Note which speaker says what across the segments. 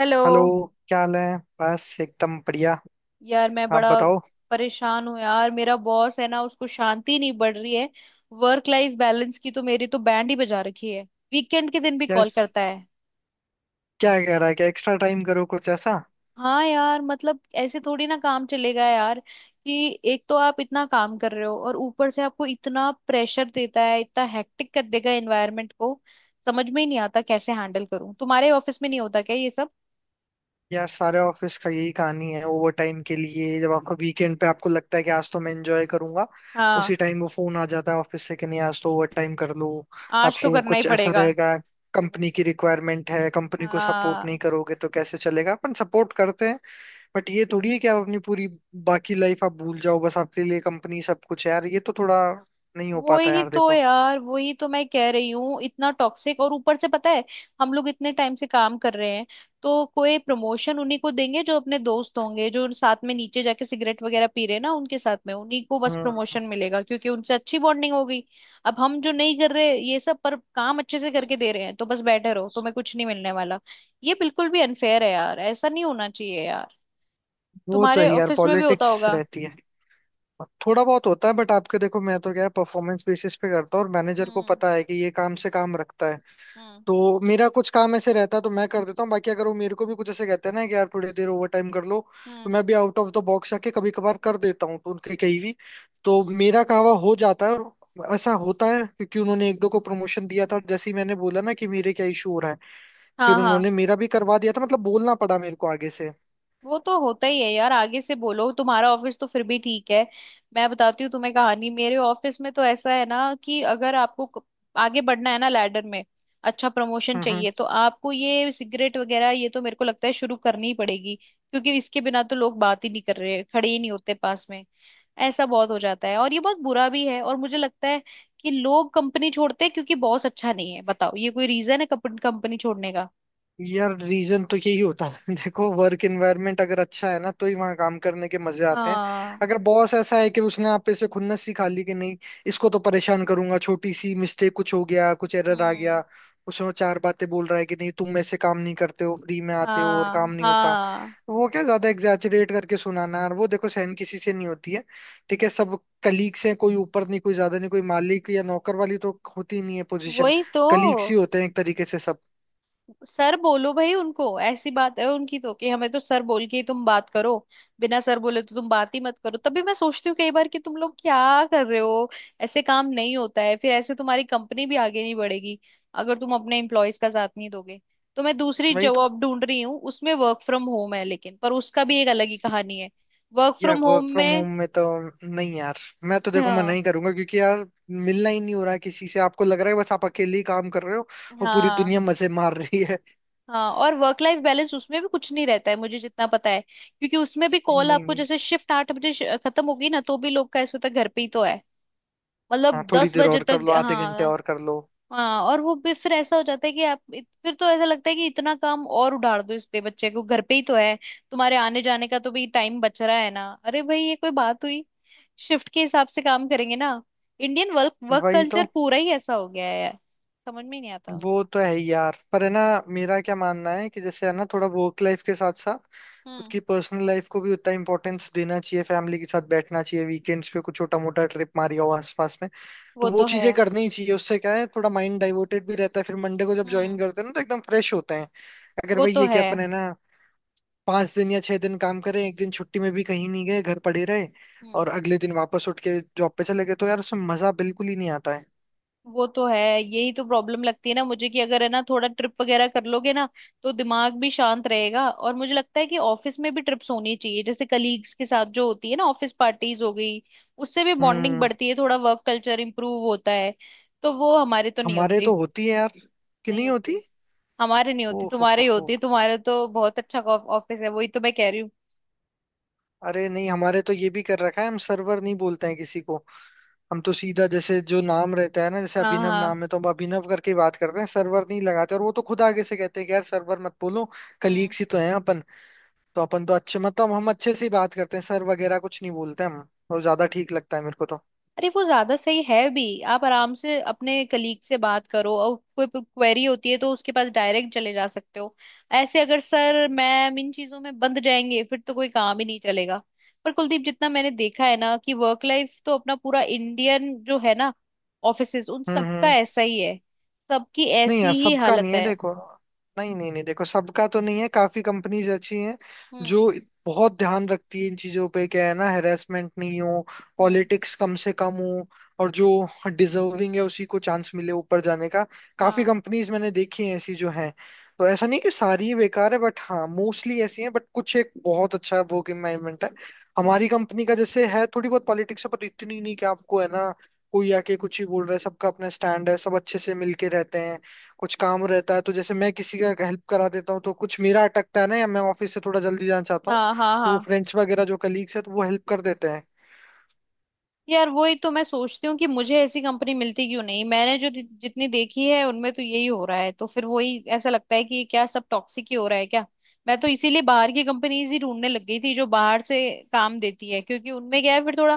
Speaker 1: Hello.
Speaker 2: Hello. क्या हाल है? बस एकदम बढ़िया।
Speaker 1: यार मैं
Speaker 2: आप
Speaker 1: बड़ा
Speaker 2: बताओ।
Speaker 1: परेशान हूँ यार, मेरा बॉस है ना, उसको शांति नहीं बढ़ रही है। वर्क लाइफ बैलेंस की तो मेरी तो बैंड ही बजा रखी है। वीकेंड के दिन भी कॉल
Speaker 2: यस।
Speaker 1: करता है।
Speaker 2: क्या कह रहा है, क्या एक्स्ट्रा टाइम करो कुछ ऐसा?
Speaker 1: हाँ यार, मतलब ऐसे थोड़ी ना काम चलेगा यार। कि एक तो आप इतना काम कर रहे हो और ऊपर से आपको इतना प्रेशर देता है, इतना हेक्टिक कर देगा एनवायरनमेंट को। समझ में ही नहीं आता कैसे हैंडल करूँ। तुम्हारे ऑफिस में नहीं होता क्या ये सब?
Speaker 2: यार सारे ऑफिस का यही कहानी है, ओवर टाइम के लिए। जब आपका वीकेंड पे आपको लगता है कि आज तो मैं एंजॉय करूंगा,
Speaker 1: हाँ,
Speaker 2: उसी टाइम वो फोन आ जाता है ऑफिस से कि नहीं, आज तो ओवर टाइम कर लो।
Speaker 1: आज तो
Speaker 2: आपको
Speaker 1: करना ही
Speaker 2: कुछ ऐसा
Speaker 1: पड़ेगा।
Speaker 2: रहेगा? कंपनी की रिक्वायरमेंट है, कंपनी को सपोर्ट नहीं
Speaker 1: हाँ,
Speaker 2: करोगे तो कैसे चलेगा, अपन सपोर्ट करते हैं। बट ये थोड़ी है कि आप अपनी पूरी बाकी लाइफ आप भूल जाओ, बस आपके लिए कंपनी सब कुछ है। यार ये तो थोड़ा नहीं हो
Speaker 1: वो
Speaker 2: पाता
Speaker 1: ही
Speaker 2: यार,
Speaker 1: तो
Speaker 2: देखो।
Speaker 1: यार, वही तो मैं कह रही हूँ, इतना टॉक्सिक, और ऊपर से पता है, हम लोग इतने टाइम से काम कर रहे हैं तो कोई प्रमोशन उन्हीं को देंगे जो अपने दोस्त होंगे, जो साथ में नीचे जाके सिगरेट वगैरह पी रहे हैं ना, उनके साथ में उन्हीं को बस
Speaker 2: हम्म।
Speaker 1: प्रमोशन मिलेगा क्योंकि उनसे अच्छी बॉन्डिंग हो गई। अब हम जो नहीं कर रहे ये सब, पर काम अच्छे से करके दे रहे हैं, तो बस बैठे रहो, तुम्हें कुछ नहीं मिलने वाला। ये बिल्कुल भी अनफेयर है यार, ऐसा नहीं होना चाहिए यार।
Speaker 2: वो तो है
Speaker 1: तुम्हारे
Speaker 2: यार,
Speaker 1: ऑफिस में भी होता
Speaker 2: पॉलिटिक्स
Speaker 1: होगा।
Speaker 2: रहती है। थोड़ा बहुत होता है बट आपके देखो, मैं तो क्या है, परफॉर्मेंस बेसिस पे करता हूँ और मैनेजर को
Speaker 1: हम्म।
Speaker 2: पता है कि ये काम से काम रखता है।
Speaker 1: हम्म।
Speaker 2: तो मेरा कुछ काम ऐसे रहता है तो मैं कर देता हूँ, बाकी अगर वो मेरे को भी कुछ ऐसे कहते हैं ना कि यार थोड़ी देर ओवर टाइम कर लो, तो
Speaker 1: हम्म।
Speaker 2: मैं भी आउट ऑफ द बॉक्स आके कभी कभार कर देता हूँ तो उनके कहीं भी तो मेरा कहवा हो जाता है। और ऐसा होता है क्योंकि उन्होंने एक दो को प्रमोशन दिया था और जैसे ही मैंने बोला ना कि मेरे क्या इशू हो रहा है,
Speaker 1: हाँ
Speaker 2: फिर
Speaker 1: हाँ।
Speaker 2: उन्होंने मेरा भी करवा दिया था। मतलब बोलना पड़ा मेरे को आगे से।
Speaker 1: वो तो होता ही है यार, आगे से बोलो। तुम्हारा ऑफिस तो फिर भी ठीक है। मैं बताती हूँ तुम्हें कहानी, मेरे ऑफिस में तो ऐसा है ना कि अगर आपको आगे बढ़ना है ना लैडर में, अच्छा प्रमोशन
Speaker 2: हम्म।
Speaker 1: चाहिए,
Speaker 2: हम्म।
Speaker 1: तो आपको ये सिगरेट वगैरह ये तो मेरे को लगता है शुरू करनी ही पड़ेगी क्योंकि इसके बिना तो लोग बात ही नहीं कर रहे, खड़े ही नहीं होते पास में। ऐसा बहुत हो जाता है, और ये बहुत बुरा भी है, और मुझे लगता है कि लोग कंपनी छोड़ते हैं क्योंकि बॉस अच्छा नहीं है। बताओ, ये कोई रीजन है कंपनी छोड़ने का?
Speaker 2: यार रीजन तो यही होता है। देखो, वर्क एनवायरनमेंट अगर अच्छा है ना, तो ही वहां काम करने के मजे आते हैं।
Speaker 1: हाँ।
Speaker 2: अगर बॉस ऐसा है कि उसने आप पे से खुन्नस सिखा ली कि नहीं, इसको तो परेशान करूंगा, छोटी सी मिस्टेक कुछ हो गया, कुछ एरर आ
Speaker 1: हम्म।
Speaker 2: गया, उसमें वो चार बातें बोल रहा है कि नहीं तुम ऐसे काम नहीं करते हो, फ्री में आते हो और काम
Speaker 1: हाँ
Speaker 2: नहीं होता।
Speaker 1: हाँ।
Speaker 2: वो क्या ज्यादा एग्जैचुरेट करके सुनाना, और वो देखो सहन किसी से नहीं होती है। ठीक है, सब कलीग्स हैं, कोई ऊपर नहीं, कोई ज्यादा नहीं, कोई मालिक या नौकर वाली तो होती नहीं है पोजीशन।
Speaker 1: वही तो।
Speaker 2: कलीग्स ही होते हैं एक तरीके से सब।
Speaker 1: सर बोलो भाई, उनको ऐसी बात है उनकी तो, कि हमें तो सर बोल के ही तुम बात करो, बिना सर बोले तो तुम बात ही मत करो। तभी मैं सोचती हूँ कई बार कि तुम लोग क्या कर रहे हो। ऐसे काम नहीं होता है, फिर ऐसे तुम्हारी कंपनी भी आगे नहीं बढ़ेगी अगर तुम अपने एम्प्लॉयज का साथ नहीं दोगे। तो मैं दूसरी
Speaker 2: वही तो।
Speaker 1: जॉब ढूंढ रही हूँ, उसमें वर्क फ्रॉम होम है लेकिन पर उसका भी एक अलग ही कहानी है। वर्क
Speaker 2: या
Speaker 1: फ्रॉम होम
Speaker 2: वर्क फ्रॉम
Speaker 1: में
Speaker 2: होम में तो नहीं यार, मैं तो देखो मना
Speaker 1: हाँ।
Speaker 2: ही करूंगा क्योंकि यार मिलना ही नहीं हो रहा है किसी से, आपको लग रहा है बस आप अकेले ही काम कर रहे हो और पूरी
Speaker 1: हाँ
Speaker 2: दुनिया मजे मार रही है।
Speaker 1: हाँ। और वर्क लाइफ बैलेंस उसमें भी कुछ नहीं रहता है मुझे जितना पता है, क्योंकि उसमें भी कॉल
Speaker 2: नहीं
Speaker 1: आपको,
Speaker 2: नहीं।
Speaker 1: जैसे शिफ्ट आठ बजे खत्म होगी ना, तो भी लोग का ऐसा होता है घर पे ही तो है। मतलब
Speaker 2: हाँ, थोड़ी
Speaker 1: दस
Speaker 2: देर
Speaker 1: बजे
Speaker 2: और कर
Speaker 1: तक।
Speaker 2: लो, आधे घंटे
Speaker 1: हाँ।
Speaker 2: और कर लो।
Speaker 1: हाँ, और वो भी फिर ऐसा हो जाता है कि आप फिर तो ऐसा लगता है कि इतना काम और उधार दो इस पे, बच्चे को घर पे ही तो है, तुम्हारे आने जाने का तो भी टाइम बच रहा है ना। अरे भाई, ये कोई बात हुई? शिफ्ट के हिसाब से काम करेंगे ना। इंडियन वर्क वर्क
Speaker 2: वही तो।
Speaker 1: कल्चर पूरा ही ऐसा हो गया है यार। समझ में ही नहीं आता।
Speaker 2: वो तो है ही यार, पर है ना, मेरा क्या मानना है कि जैसे है ना, थोड़ा वर्क लाइफ के साथ साथ खुद
Speaker 1: हम्म।
Speaker 2: की पर्सनल लाइफ को भी उतना इम्पोर्टेंस देना चाहिए। फैमिली के साथ बैठना चाहिए, वीकेंड्स पे कुछ छोटा मोटा ट्रिप मारिया हो आसपास में। तो
Speaker 1: वो
Speaker 2: वो
Speaker 1: तो है।
Speaker 2: चीजें करनी ही चाहिए, उससे क्या है थोड़ा माइंड डाइवर्टेड भी रहता है, फिर मंडे को जब ज्वाइन
Speaker 1: हम्म।
Speaker 2: करते हैं ना तो एकदम फ्रेश होते हैं। अगर
Speaker 1: वो
Speaker 2: भाई
Speaker 1: तो
Speaker 2: ये
Speaker 1: है।
Speaker 2: क्या अपन है ना, 5 दिन या 6 दिन काम करें, एक दिन छुट्टी में भी कहीं नहीं गए, घर पड़े रहे,
Speaker 1: हम्म।
Speaker 2: और अगले दिन वापस उठ के जॉब पे चले गए, तो यार उसमें मजा बिल्कुल ही नहीं आता है।
Speaker 1: वो तो है, यही तो प्रॉब्लम लगती है ना मुझे, कि अगर है ना थोड़ा ट्रिप वगैरह कर लोगे ना तो दिमाग भी शांत रहेगा। और मुझे लगता है कि ऑफिस में भी ट्रिप्स होनी चाहिए, जैसे कलीग्स के साथ जो होती है ना, ऑफिस पार्टीज हो गई, उससे भी बॉन्डिंग
Speaker 2: हम्म।
Speaker 1: बढ़ती है, थोड़ा वर्क कल्चर इंप्रूव होता है। तो वो हमारे तो नहीं
Speaker 2: हमारे
Speaker 1: होती।
Speaker 2: तो होती है यार। कि
Speaker 1: नहीं
Speaker 2: नहीं
Speaker 1: होती।
Speaker 2: होती?
Speaker 1: हमारे नहीं
Speaker 2: ओ
Speaker 1: होती, तुम्हारे
Speaker 2: हो
Speaker 1: ही
Speaker 2: हो
Speaker 1: होती, तुम्हारे तो बहुत अच्छा ऑफिस है, वही तो मैं कह रही हूँ।
Speaker 2: अरे नहीं, हमारे तो ये भी कर रखा है, हम सर्वर नहीं बोलते हैं किसी को। हम तो सीधा जैसे जो नाम रहता है ना, जैसे
Speaker 1: हाँ
Speaker 2: अभिनव
Speaker 1: हाँ।
Speaker 2: नाम है तो हम अभिनव करके ही बात करते हैं, सर्वर नहीं लगाते। और वो तो खुद आगे से कहते हैं कि यार सर्वर मत बोलो,
Speaker 1: हम्म।
Speaker 2: कलीग्स ही तो हैं अपन। तो अपन तो अच्छे, मतलब हम अच्छे से ही बात करते हैं, सर वगैरह कुछ नहीं बोलते हम, और ज्यादा ठीक लगता है मेरे को तो।
Speaker 1: अरे वो ज्यादा सही है भी, आप आराम से अपने कलीग से बात करो, और कोई क्वेरी होती है तो उसके पास डायरेक्ट चले जा सकते हो। ऐसे अगर सर मैम इन चीजों में बंद जाएंगे फिर तो कोई काम ही नहीं चलेगा। पर कुलदीप, जितना मैंने देखा है ना, कि वर्क लाइफ तो अपना पूरा इंडियन जो है ना ऑफिसेज, उन
Speaker 2: हम्म।
Speaker 1: सबका
Speaker 2: हम्म।
Speaker 1: ऐसा ही है। सबकी
Speaker 2: नहीं
Speaker 1: ऐसी
Speaker 2: यार,
Speaker 1: ही
Speaker 2: सबका
Speaker 1: हालत
Speaker 2: नहीं है,
Speaker 1: है।
Speaker 2: देखो। नहीं नहीं नहीं, देखो सबका तो नहीं है, काफी कंपनीज अच्छी हैं
Speaker 1: हम्म।
Speaker 2: जो बहुत ध्यान रखती है इन चीजों पे। क्या है ना, हेरासमेंट नहीं हो,
Speaker 1: हम्म।
Speaker 2: पॉलिटिक्स कम से कम हो, और जो डिजर्विंग है उसी को चांस मिले ऊपर जाने का। काफी
Speaker 1: हाँ।
Speaker 2: कंपनीज मैंने देखी हैं ऐसी जो हैं, तो ऐसा नहीं कि सारी ही बेकार है। बट हाँ, मोस्टली ऐसी हैं बट कुछ एक बहुत अच्छा वर्क एनवायरमेंट है। हमारी
Speaker 1: हम्म।
Speaker 2: कंपनी का जैसे है, थोड़ी बहुत पॉलिटिक्स है, पर इतनी नहीं कि आपको है ना कोई आके कुछ ही बोल रहा है। सबका अपना स्टैंड है, सब अच्छे से मिलके रहते हैं। कुछ काम रहता है तो जैसे मैं किसी का हेल्प करा देता हूँ, तो कुछ मेरा अटकता है ना, या मैं ऑफिस से थोड़ा जल्दी जाना चाहता हूँ,
Speaker 1: हाँ हाँ
Speaker 2: तो वो
Speaker 1: हाँ।
Speaker 2: फ्रेंड्स वगैरह जो कलीग्स है तो वो हेल्प कर देते हैं।
Speaker 1: यार वही तो मैं सोचती हूँ कि मुझे ऐसी कंपनी मिलती क्यों नहीं, मैंने जो जितनी देखी है उनमें तो यही हो रहा है, तो फिर वही ऐसा लगता है कि ये क्या सब टॉक्सिक ही हो रहा है क्या। मैं तो इसीलिए बाहर की कंपनीज ही ढूंढने लग गई थी, जो बाहर से काम देती है, क्योंकि उनमें क्या है फिर थोड़ा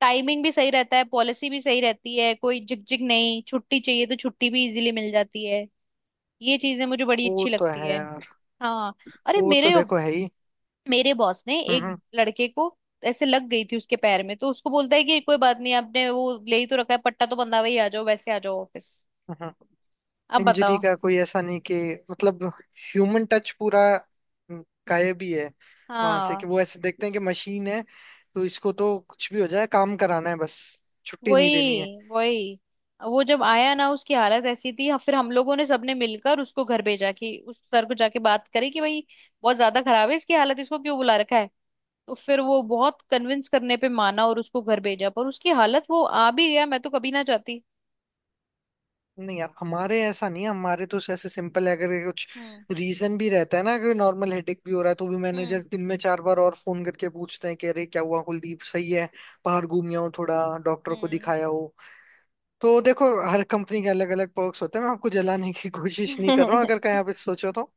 Speaker 1: टाइमिंग भी सही रहता है, पॉलिसी भी सही रहती है, कोई झिकझिक नहीं, छुट्टी चाहिए तो छुट्टी भी इजीली मिल जाती है। ये चीजें मुझे बड़ी
Speaker 2: वो
Speaker 1: अच्छी
Speaker 2: तो
Speaker 1: लगती
Speaker 2: है
Speaker 1: है।
Speaker 2: यार।
Speaker 1: हाँ। अरे
Speaker 2: वो तो
Speaker 1: मेरे
Speaker 2: देखो है ही।
Speaker 1: मेरे बॉस ने एक
Speaker 2: हम्म।
Speaker 1: लड़के को, ऐसे लग गई थी उसके पैर में, तो उसको बोलता है कि कोई बात नहीं, आपने वो ले ही तो रखा है पट्टा, तो बंधा वही आ जाओ, वैसे आ जाओ ऑफिस।
Speaker 2: हम्म।
Speaker 1: अब
Speaker 2: इंजरी
Speaker 1: बताओ।
Speaker 2: का कोई ऐसा नहीं कि, मतलब, ह्यूमन टच पूरा हम्म, गायब ही है वहां से। कि
Speaker 1: हाँ।
Speaker 2: वो ऐसे देखते हैं कि मशीन है, तो इसको तो कुछ भी हो जाए काम कराना है बस, छुट्टी नहीं देनी है।
Speaker 1: वही वही। वो जब आया ना, उसकी हालत ऐसी थी, फिर हम लोगों ने सबने मिलकर उसको घर भेजा कि उस सर को जाके बात करें कि भाई बहुत ज्यादा खराब है इसकी हालत, इसको क्यों बुला रखा है। तो फिर वो बहुत कन्विंस करने पे माना और उसको घर भेजा, पर उसकी हालत, वो आ भी गया, मैं तो कभी ना जाती।
Speaker 2: नहीं यार, हमारे ऐसा नहीं है, हमारे तो ऐसे सिंपल है। अगर ये कुछ
Speaker 1: हम्म।
Speaker 2: रीजन भी रहता है ना कि नॉर्मल हेडेक भी हो रहा है, तो भी
Speaker 1: हम्म।
Speaker 2: मैनेजर दिन में 4 बार और फोन करके पूछते हैं कि अरे क्या हुआ कुलदीप, सही है? बाहर घूम आओ थोड़ा, डॉक्टर को दिखाया हो। तो देखो हर कंपनी के अलग अलग पर्क्स होते हैं। मैं आपको जलाने की कोशिश नहीं कर रहा
Speaker 1: हम्म।
Speaker 2: हूँ, अगर कहीं आप इस सोचो तो।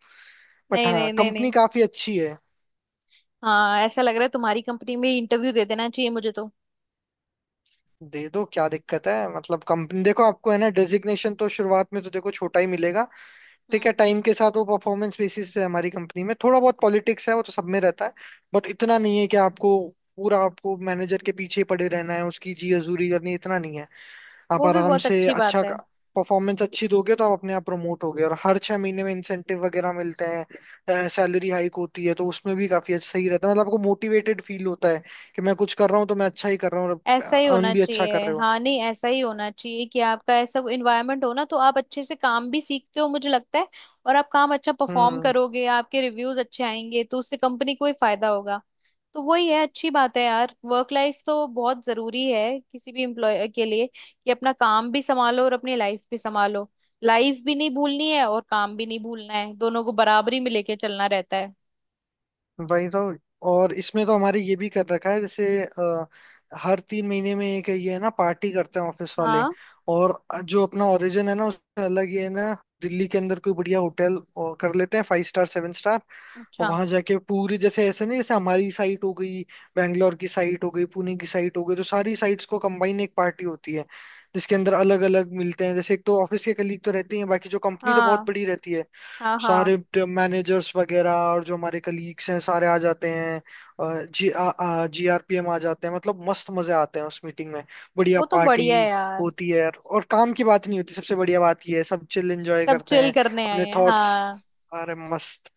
Speaker 2: बट
Speaker 1: नहीं
Speaker 2: हाँ,
Speaker 1: नहीं नहीं
Speaker 2: कंपनी
Speaker 1: नहीं।
Speaker 2: काफी अच्छी है।
Speaker 1: हाँ, ऐसा लग रहा है तुम्हारी कंपनी में इंटरव्यू दे देना चाहिए मुझे तो।
Speaker 2: दे दो, क्या दिक्कत है। मतलब कंपनी देखो, आपको है ना डेजिग्नेशन तो शुरुआत में तो देखो छोटा ही मिलेगा। ठीक है,
Speaker 1: हम्म।
Speaker 2: टाइम के साथ वो परफॉर्मेंस बेसिस पे है। हमारी कंपनी में थोड़ा बहुत पॉलिटिक्स है, वो तो सब में रहता है, बट इतना नहीं है कि आपको पूरा आपको मैनेजर के पीछे ही पड़े रहना है, उसकी जी हजूरी करनी है, इतना नहीं है। आप
Speaker 1: वो भी
Speaker 2: आराम
Speaker 1: बहुत
Speaker 2: से
Speaker 1: अच्छी
Speaker 2: अच्छा
Speaker 1: बात है।
Speaker 2: परफॉर्मेंस अच्छी दोगे तो आप अपने आप प्रमोट होगे, और हर 6 महीने में इंसेंटिव वगैरह मिलते हैं, सैलरी हाइक होती है, तो उसमें भी काफी अच्छा सही रहता है। मतलब आपको मोटिवेटेड फील होता है कि मैं कुछ कर रहा हूँ तो मैं अच्छा ही कर रहा हूँ, और
Speaker 1: ऐसा ही होना
Speaker 2: अर्न भी अच्छा कर
Speaker 1: चाहिए
Speaker 2: रहे हो।
Speaker 1: हाँ, नहीं ऐसा ही होना चाहिए कि आपका ऐसा इन्वायरमेंट हो ना, तो आप अच्छे से काम भी सीखते हो, मुझे लगता है। और आप काम अच्छा परफॉर्म
Speaker 2: हम्म।
Speaker 1: करोगे, आपके रिव्यूज अच्छे आएंगे, तो उससे कंपनी को ही फायदा होगा। तो वही है, अच्छी बात है यार, वर्क लाइफ तो बहुत जरूरी है किसी भी एम्प्लॉय के लिए, कि अपना काम भी संभालो और अपनी लाइफ भी संभालो। लाइफ भी नहीं भूलनी है और काम भी नहीं भूलना है, दोनों को बराबरी में लेके चलना रहता है।
Speaker 2: वही तो। और इसमें तो हमारे ये भी कर रखा है, जैसे हर 3 महीने में एक ये है ना, पार्टी करते हैं ऑफिस वाले।
Speaker 1: हाँ।
Speaker 2: और जो अपना ओरिजिन है ना, उसमें अलग ये है ना, दिल्ली के अंदर कोई बढ़िया होटल और कर लेते हैं, फाइव स्टार सेवन स्टार।
Speaker 1: अच्छा।
Speaker 2: वहां जाके पूरी, जैसे ऐसे नहीं जैसे हमारी साइट हो गई, बैंगलोर की साइट हो गई, पुणे की साइट हो गई, तो सारी साइट्स को कंबाइन एक पार्टी होती है। जिसके अंदर अलग अलग मिलते हैं, जैसे एक तो ऑफिस के कलीग तो रहते ही हैं, बाकी जो कंपनी तो बहुत
Speaker 1: हाँ
Speaker 2: बड़ी रहती है,
Speaker 1: हाँ हाँ।
Speaker 2: सारे मैनेजर्स वगैरह और जो हमारे कलीग्स हैं सारे आ जाते हैं। GRPM आ जाते हैं, मतलब मस्त मजे आते हैं उस मीटिंग में। बढ़िया
Speaker 1: वो तो
Speaker 2: पार्टी
Speaker 1: बढ़िया है यार।
Speaker 2: होती है यार। और काम की बात नहीं होती, सबसे बढ़िया बात ये है, सब चिल एंजॉय
Speaker 1: सब
Speaker 2: करते
Speaker 1: चिल
Speaker 2: हैं
Speaker 1: करने आए
Speaker 2: अपने
Speaker 1: हैं
Speaker 2: थॉट्स।
Speaker 1: हाँ।
Speaker 2: अरे मस्त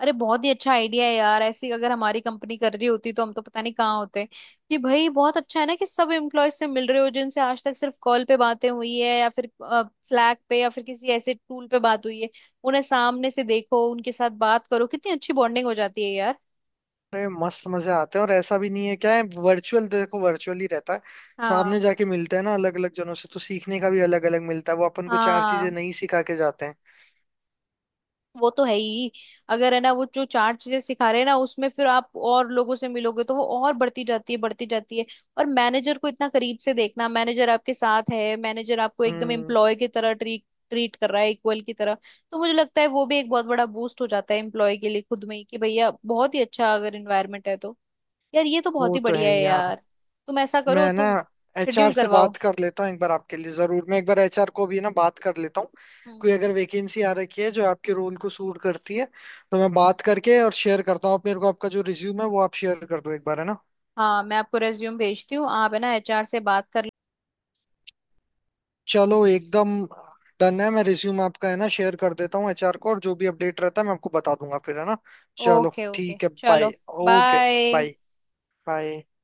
Speaker 1: अरे बहुत ही अच्छा आइडिया है यार, ऐसी अगर हमारी कंपनी कर रही होती तो हम तो पता नहीं कहाँ होते, कि भाई बहुत अच्छा है ना कि सब एम्प्लॉय से मिल रहे हो जिनसे आज तक सिर्फ कॉल पे बातें हुई है, या फिर स्लैक पे, या फिर किसी ऐसे टूल पे बात हुई है। उन्हें सामने से देखो, उनके साथ बात करो, कितनी अच्छी बॉन्डिंग हो जाती है यार।
Speaker 2: अरे मस्त मजे आते हैं। और ऐसा भी नहीं है, क्या है, वर्चुअल देखो वर्चुअल ही रहता है, सामने
Speaker 1: हाँ
Speaker 2: जाके मिलते हैं ना अलग अलग जनों से, तो सीखने का भी अलग अलग मिलता है, वो अपन को चार चीजें
Speaker 1: हाँ।
Speaker 2: नई सिखा के जाते हैं।
Speaker 1: वो तो है ही। अगर है ना वो जो चार चीजें सिखा रहे हैं ना, उसमें फिर आप और लोगों से मिलोगे तो वो और बढ़ती जाती है, बढ़ती जाती है। और मैनेजर को इतना करीब से देखना, मैनेजर आपके साथ है, मैनेजर आपको एकदम
Speaker 2: हम्म।
Speaker 1: एम्प्लॉय की तरह ट्रीट ट्रीट कर रहा है, इक्वल की तरह। तो मुझे लगता है वो भी एक बहुत बड़ा बूस्ट हो जाता है एम्प्लॉय के लिए खुद में ही, कि भैया बहुत ही अच्छा अगर इन्वायरमेंट है तो। यार ये तो बहुत
Speaker 2: वो
Speaker 1: ही
Speaker 2: तो है
Speaker 1: बढ़िया है
Speaker 2: ही यार।
Speaker 1: यार। तुम ऐसा करो
Speaker 2: मैं ना
Speaker 1: तुम। शेड्यूल
Speaker 2: एचआर से
Speaker 1: करवाओ।
Speaker 2: बात कर लेता हूँ एक बार आपके लिए। जरूर, मैं एक बार एचआर को भी ना बात कर लेता हूँ।
Speaker 1: हम्म।
Speaker 2: कोई अगर वैकेंसी आ रखी है जो आपके रोल को सूट करती है, तो मैं बात करके और शेयर करता हूँ। आप मेरे को आपका जो रिज्यूम है वो आप शेयर कर दो एक बार, है ना।
Speaker 1: हाँ, मैं आपको रेज्यूम भेजती हूँ, आप है ना एचआर से बात कर।
Speaker 2: चलो एकदम डन है, मैं रिज्यूम आपका है ना शेयर कर देता हूँ एचआर को, और जो भी अपडेट रहता है मैं आपको बता दूंगा फिर, है ना। चलो
Speaker 1: ओके ओके
Speaker 2: ठीक है,
Speaker 1: चलो।
Speaker 2: Bye. Okay.
Speaker 1: Bye.
Speaker 2: Bye. Bye.